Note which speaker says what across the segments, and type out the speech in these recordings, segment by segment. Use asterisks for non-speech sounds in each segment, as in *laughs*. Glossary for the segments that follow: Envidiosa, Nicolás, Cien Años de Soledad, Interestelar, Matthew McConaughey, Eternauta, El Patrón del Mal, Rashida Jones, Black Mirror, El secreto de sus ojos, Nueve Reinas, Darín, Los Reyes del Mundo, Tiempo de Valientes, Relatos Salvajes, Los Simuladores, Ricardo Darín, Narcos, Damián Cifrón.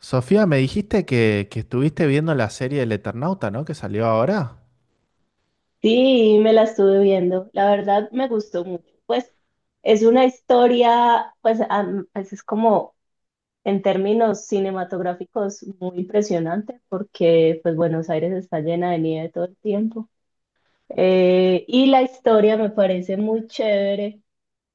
Speaker 1: Sofía, me dijiste que estuviste viendo la serie del Eternauta, ¿no? Que salió ahora.
Speaker 2: Sí, me la estuve viendo. La verdad me gustó mucho. Pues es una historia, pues, es como en términos cinematográficos muy impresionante porque pues Buenos Aires está llena de nieve todo el tiempo. Y la historia me parece muy chévere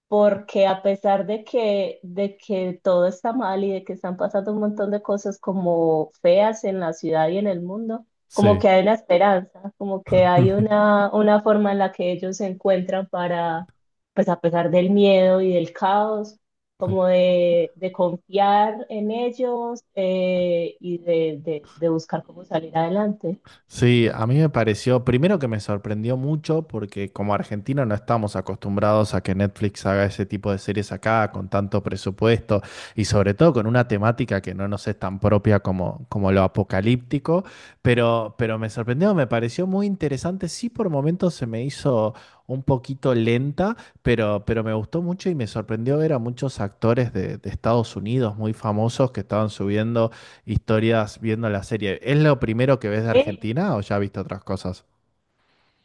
Speaker 2: porque a pesar de que todo está mal y de que están pasando un montón de cosas como feas en la ciudad y en el mundo, como
Speaker 1: Sí.
Speaker 2: que hay una esperanza, como que hay
Speaker 1: *laughs*
Speaker 2: una forma en la que ellos se encuentran para, pues a pesar del miedo y del caos, como de confiar en ellos, y de buscar cómo salir adelante.
Speaker 1: Sí, a mí me pareció, primero que me sorprendió mucho porque como argentino no estamos acostumbrados a que Netflix haga ese tipo de series acá con tanto presupuesto y sobre todo con una temática que no nos es tan propia como lo apocalíptico, pero me sorprendió, me pareció muy interesante, sí por momentos se me hizo un poquito lenta, pero me gustó mucho y me sorprendió ver a muchos actores de Estados Unidos muy famosos que estaban subiendo historias viendo la serie. ¿Es lo primero que ves de
Speaker 2: Sí.
Speaker 1: Argentina o ya viste otras cosas?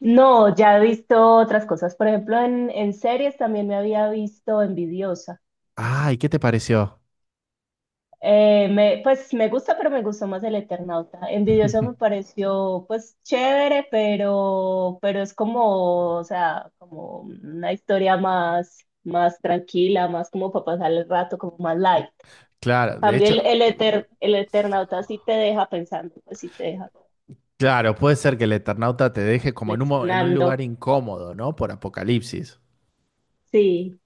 Speaker 2: No, ya he visto otras cosas. Por ejemplo, en series también me había visto Envidiosa.
Speaker 1: Ah, ¿y qué te pareció?
Speaker 2: Pues me gusta, pero me gustó más el Eternauta. Envidiosa me
Speaker 1: *laughs*
Speaker 2: pareció pues chévere, pero es como, o sea, como una historia más, tranquila, más como para pasar el rato, como más light. En
Speaker 1: Claro, de
Speaker 2: cambio
Speaker 1: hecho,
Speaker 2: el Eternauta sí te deja pensando, pues sí te deja
Speaker 1: claro, puede ser que el Eternauta te deje como en un, en un lugar
Speaker 2: reflexionando.
Speaker 1: incómodo, ¿no? Por Apocalipsis.
Speaker 2: Sí,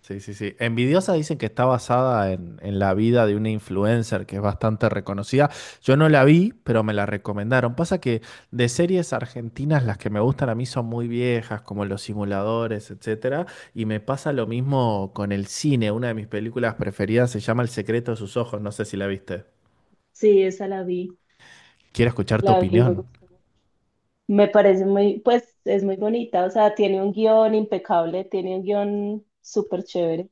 Speaker 1: Sí, sí, sí. Envidiosa dicen que está basada en la vida de una influencer que es bastante reconocida. Yo no la vi, pero me la recomendaron. Pasa que de series argentinas las que me gustan a mí son muy viejas, como Los Simuladores, etcétera. Y me pasa lo mismo con el cine. Una de mis películas preferidas se llama El Secreto de Sus Ojos. No sé si la viste.
Speaker 2: sí, esa la vi,
Speaker 1: Quiero escuchar tu
Speaker 2: la vi, me
Speaker 1: opinión.
Speaker 2: gustó. Me parece muy, pues es muy bonita, o sea, tiene un guión impecable, tiene un guión súper chévere.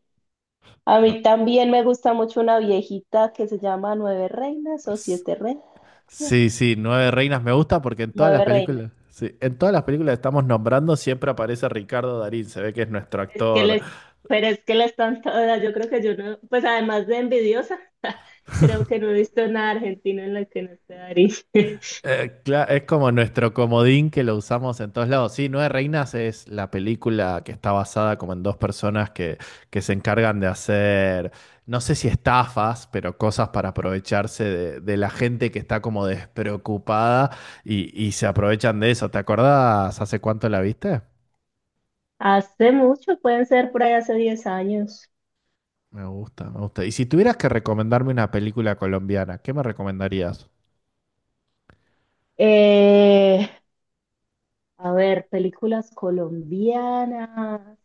Speaker 2: A
Speaker 1: No.
Speaker 2: mí también me gusta mucho una viejita que se llama Nueve Reinas o Siete Reinas, no,
Speaker 1: Sí, sí, Nueve Reinas me gusta porque en todas las
Speaker 2: Nueve Reinas.
Speaker 1: películas, sí, en todas las películas que estamos nombrando siempre aparece Ricardo Darín, se ve que es nuestro
Speaker 2: Es que
Speaker 1: actor.
Speaker 2: les, pero es que las están todas, yo creo que yo no, pues además de envidiosa, *laughs* creo que no he visto nada argentino en la que no esté Darín. *laughs*
Speaker 1: Es como nuestro comodín que lo usamos en todos lados. Sí, Nueve Reinas es la película que está basada como en dos personas que se encargan de hacer, no sé si estafas, pero cosas para aprovecharse de la gente que está como despreocupada y se aprovechan de eso. ¿Te acordás hace cuánto la viste?
Speaker 2: Hace mucho, pueden ser por ahí hace 10 años.
Speaker 1: Me gusta, me gusta. Y si tuvieras que recomendarme una película colombiana, ¿qué me recomendarías?
Speaker 2: Eh, a ver, películas colombianas.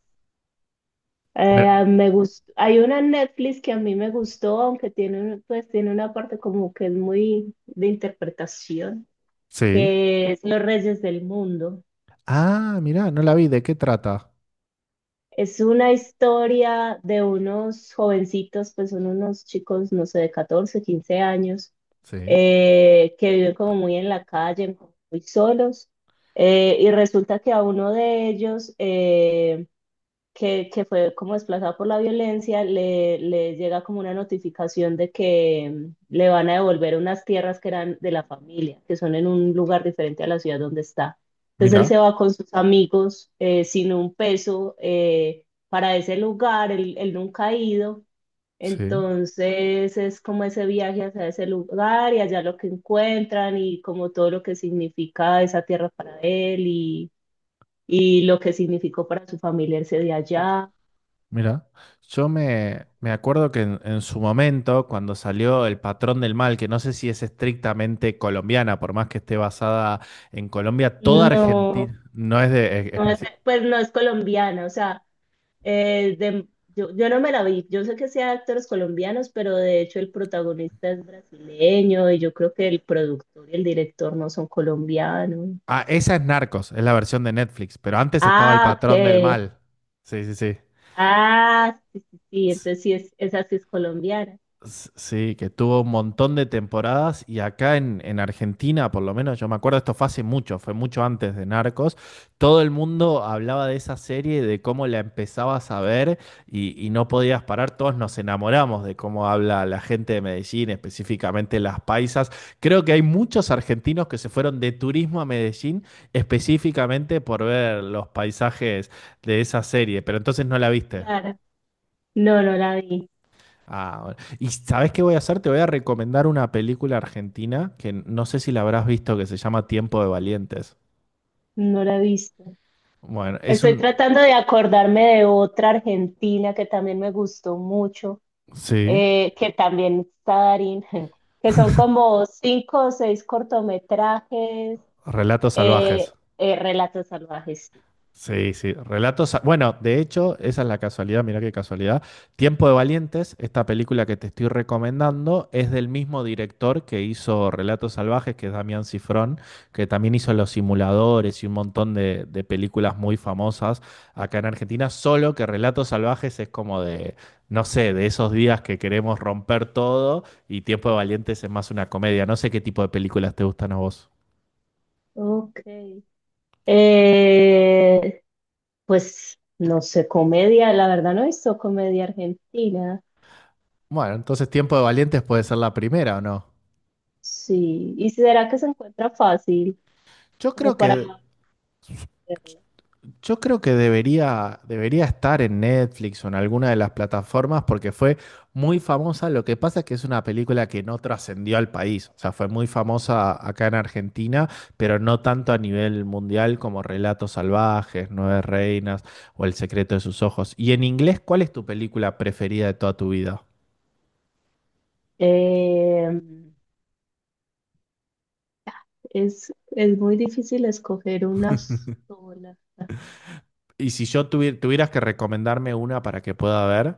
Speaker 1: Bueno,
Speaker 2: Hay una en Netflix que a mí me gustó, aunque tiene, tiene una parte como que es muy de interpretación,
Speaker 1: sí.
Speaker 2: que es Los Reyes del Mundo.
Speaker 1: Ah, mirá, no la vi. ¿De qué trata?
Speaker 2: Es una historia de unos jovencitos, pues son unos chicos, no sé, de 14 15 años,
Speaker 1: Sí,
Speaker 2: que viven como muy en la calle, muy solos. Y resulta que a uno de ellos, que fue como desplazado por la violencia, le llega como una notificación de que le van a devolver unas tierras que eran de la familia, que son en un lugar diferente a la ciudad donde está. Entonces él se
Speaker 1: mira,
Speaker 2: va con sus amigos, sin un peso, para ese lugar, él nunca ha ido.
Speaker 1: sí.
Speaker 2: Entonces es como ese viaje hacia ese lugar y allá lo que encuentran y como todo lo que significa esa tierra para él, y lo que significó para su familia irse de allá.
Speaker 1: Mira, yo me, me acuerdo que en su momento, cuando salió El Patrón del Mal, que no sé si es estrictamente colombiana, por más que esté basada en Colombia, toda
Speaker 2: No,
Speaker 1: Argentina no es de...
Speaker 2: pues no es colombiana, o sea, eh, de- yo no me la vi, yo sé que sea de actores colombianos, pero de hecho el protagonista es brasileño y yo creo que el productor y el director no son colombianos.
Speaker 1: Ah, esa es Narcos, es la versión de Netflix, pero antes estaba El
Speaker 2: Ah,
Speaker 1: Patrón del
Speaker 2: ok.
Speaker 1: Mal. Sí, sí, sí.
Speaker 2: Ah, sí, sí, sí, entonces sí es, esa sí es colombiana.
Speaker 1: Sí, que tuvo un montón de temporadas y acá en Argentina, por lo menos yo me acuerdo, esto fue hace mucho, fue mucho antes de Narcos, todo el mundo hablaba de esa serie, de cómo la empezabas a ver y no podías parar, todos nos enamoramos de cómo habla la gente de Medellín, específicamente las paisas. Creo que hay muchos argentinos que se fueron de turismo a Medellín específicamente por ver los paisajes de esa serie, pero entonces no la viste.
Speaker 2: Claro. No, no la vi,
Speaker 1: Ah, bueno. ¿Y sabes qué voy a hacer? Te voy a recomendar una película argentina que no sé si la habrás visto, que se llama Tiempo de Valientes.
Speaker 2: no la he visto.
Speaker 1: Bueno, es
Speaker 2: Estoy
Speaker 1: un...
Speaker 2: tratando de acordarme de otra argentina que también me gustó mucho,
Speaker 1: Sí,
Speaker 2: que también está Darín, *laughs* que son como cinco o seis cortometrajes,
Speaker 1: Relatos
Speaker 2: eh,
Speaker 1: Salvajes.
Speaker 2: relatos salvajes. Sí.
Speaker 1: Sí, sí, relatos. Bueno, de hecho, esa es la casualidad, mira qué casualidad. Tiempo de Valientes, esta película que te estoy recomendando, es del mismo director que hizo Relatos Salvajes, que es Damián Cifrón, que también hizo Los Simuladores y un montón de películas muy famosas acá en Argentina, solo que Relatos Salvajes es como de, no sé, de esos días que queremos romper todo y Tiempo de Valientes es más una comedia. No sé qué tipo de películas te gustan a vos.
Speaker 2: Ok. Eh, pues no sé, comedia, la verdad no he visto comedia argentina.
Speaker 1: Bueno, entonces Tiempo de Valientes puede ser la primera, ¿o no?
Speaker 2: Sí, ¿y será que se encuentra fácil
Speaker 1: Yo
Speaker 2: como
Speaker 1: creo
Speaker 2: para
Speaker 1: que
Speaker 2: verla?
Speaker 1: Yo creo que debería, debería estar en Netflix o en alguna de las plataformas porque fue muy famosa. Lo que pasa es que es una película que no trascendió al país. O sea, fue muy famosa acá en Argentina, pero no tanto a nivel mundial como Relatos Salvajes, Nueve Reinas o El Secreto de sus Ojos. Y en inglés, ¿cuál es tu película preferida de toda tu vida?
Speaker 2: Eh, es muy difícil escoger una sola.
Speaker 1: Y si yo tuvieras que recomendarme una para que pueda ver,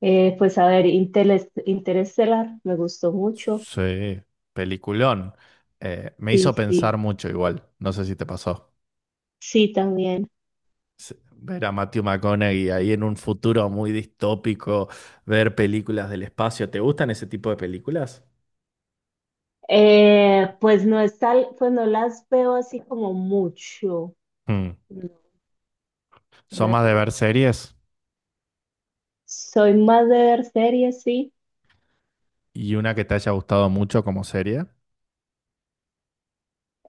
Speaker 2: Pues a ver, Interestelar me gustó mucho.
Speaker 1: sí, peliculón. Me hizo
Speaker 2: Sí,
Speaker 1: pensar
Speaker 2: sí,
Speaker 1: mucho igual. No sé si te pasó.
Speaker 2: sí, también.
Speaker 1: Sí, ver a Matthew McConaughey ahí en un futuro muy distópico, ver películas del espacio. ¿Te gustan ese tipo de películas?
Speaker 2: Pues no es tal, pues no las veo así como mucho.
Speaker 1: Mm.
Speaker 2: No, no
Speaker 1: ¿Son
Speaker 2: las
Speaker 1: más de
Speaker 2: veo
Speaker 1: ver
Speaker 2: mucho.
Speaker 1: series?
Speaker 2: Soy más de ver series, sí.
Speaker 1: ¿Y una que te haya gustado mucho como serie?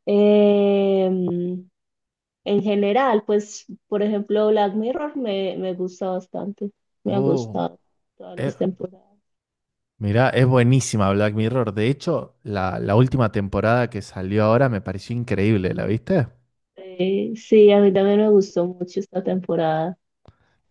Speaker 2: Em, en general, pues, por ejemplo, Black Mirror me gusta bastante. Me ha
Speaker 1: Oh,
Speaker 2: gustado todas
Speaker 1: eh,
Speaker 2: las temporadas.
Speaker 1: mirá, es buenísima Black Mirror. De hecho, la última temporada que salió ahora me pareció increíble, ¿la viste?
Speaker 2: Sí, a mí también me gustó mucho esta temporada.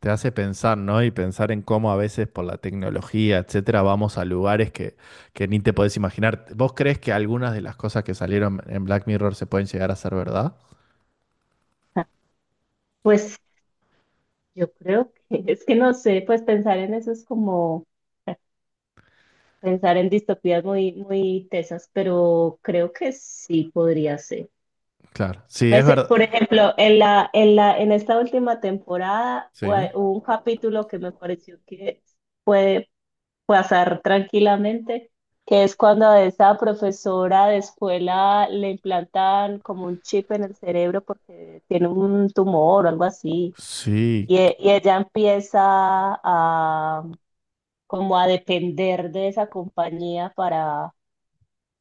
Speaker 1: Te hace pensar, ¿no? Y pensar en cómo a veces por la tecnología, etcétera, vamos a lugares que ni te podés imaginar. ¿Vos crees que algunas de las cosas que salieron en Black Mirror se pueden llegar a ser verdad?
Speaker 2: *laughs* Pues yo creo que es que no sé, pues pensar en eso es como. Pensar en distopías muy, muy tesas, pero creo que sí podría ser.
Speaker 1: Claro. Sí, es
Speaker 2: Pues, por
Speaker 1: verdad.
Speaker 2: ejemplo, en esta última temporada
Speaker 1: Sí.
Speaker 2: hubo un capítulo que me pareció que puede pasar tranquilamente, que es cuando a esa profesora de escuela le implantan como un chip en el cerebro porque tiene un tumor o algo así,
Speaker 1: Sí.
Speaker 2: y ella empieza a como a depender de esa compañía para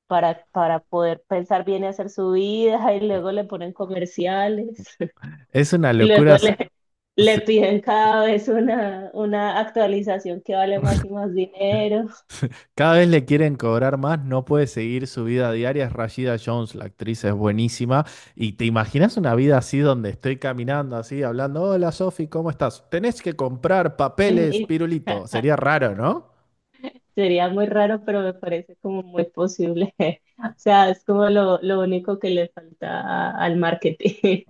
Speaker 2: para poder pensar bien y hacer su vida, y luego le ponen comerciales,
Speaker 1: Es una
Speaker 2: *laughs* y
Speaker 1: locura.
Speaker 2: luego le, le
Speaker 1: S-
Speaker 2: piden cada vez una actualización que vale más
Speaker 1: *laughs*
Speaker 2: y más dinero.
Speaker 1: Cada vez le quieren cobrar más, no puede seguir su vida diaria. Es Rashida Jones, la actriz es buenísima. Y te imaginas una vida así donde estoy caminando así, hablando, hola Sofi, ¿cómo estás? Tenés que comprar
Speaker 2: Y-
Speaker 1: papeles,
Speaker 2: y-
Speaker 1: pirulito.
Speaker 2: *laughs*
Speaker 1: Sería raro, ¿no?
Speaker 2: Sería muy raro, pero me parece como muy posible. *laughs* O sea, es como lo único que le falta al marketing. *laughs*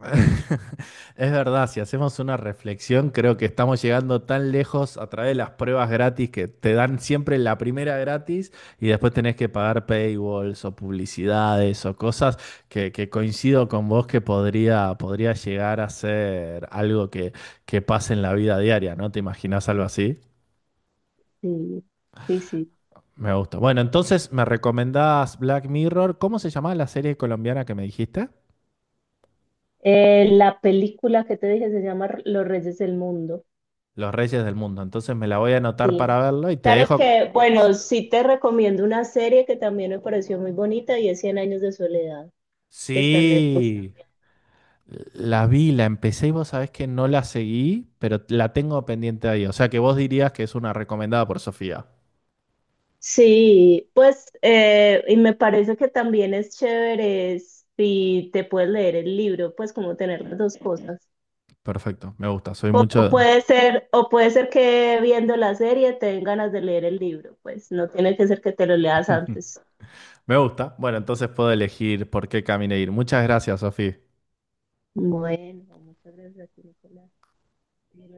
Speaker 1: Es verdad, si hacemos una reflexión, creo que estamos llegando tan lejos a través de las pruebas gratis que te dan siempre la primera gratis y después tenés que pagar paywalls o publicidades o cosas que coincido con vos que podría, podría llegar a ser algo que pase en la vida diaria, ¿no? ¿Te imaginás algo así?
Speaker 2: Sí, sí, sí.
Speaker 1: Me gusta. Bueno, entonces me recomendás Black Mirror. ¿Cómo se llamaba la serie colombiana que me dijiste?
Speaker 2: La película que te dije se llama Los Reyes del Mundo.
Speaker 1: Los Reyes del Mundo. Entonces me la voy a anotar
Speaker 2: Sí,
Speaker 1: para verlo y te
Speaker 2: claro
Speaker 1: dejo.
Speaker 2: que, bueno, sí te recomiendo una serie que también me pareció muy bonita y es Cien Años de Soledad, que está en Netflix
Speaker 1: Sí,
Speaker 2: también.
Speaker 1: la vi, la empecé y vos sabés que no la seguí, pero la tengo pendiente ahí. O sea que vos dirías que es una recomendada por Sofía.
Speaker 2: Sí, pues, y me parece que también es chévere si te puedes leer el libro, pues como tener las dos cosas.
Speaker 1: Perfecto, me gusta, soy mucho...
Speaker 2: O puede ser que viendo la serie te den ganas de leer el libro, pues no tiene que ser que te lo leas
Speaker 1: *laughs*
Speaker 2: antes.
Speaker 1: Me gusta. Bueno, entonces puedo elegir por qué camino ir. Muchas gracias, Sofía.
Speaker 2: Bueno, muchas gracias a ti, Nicolás.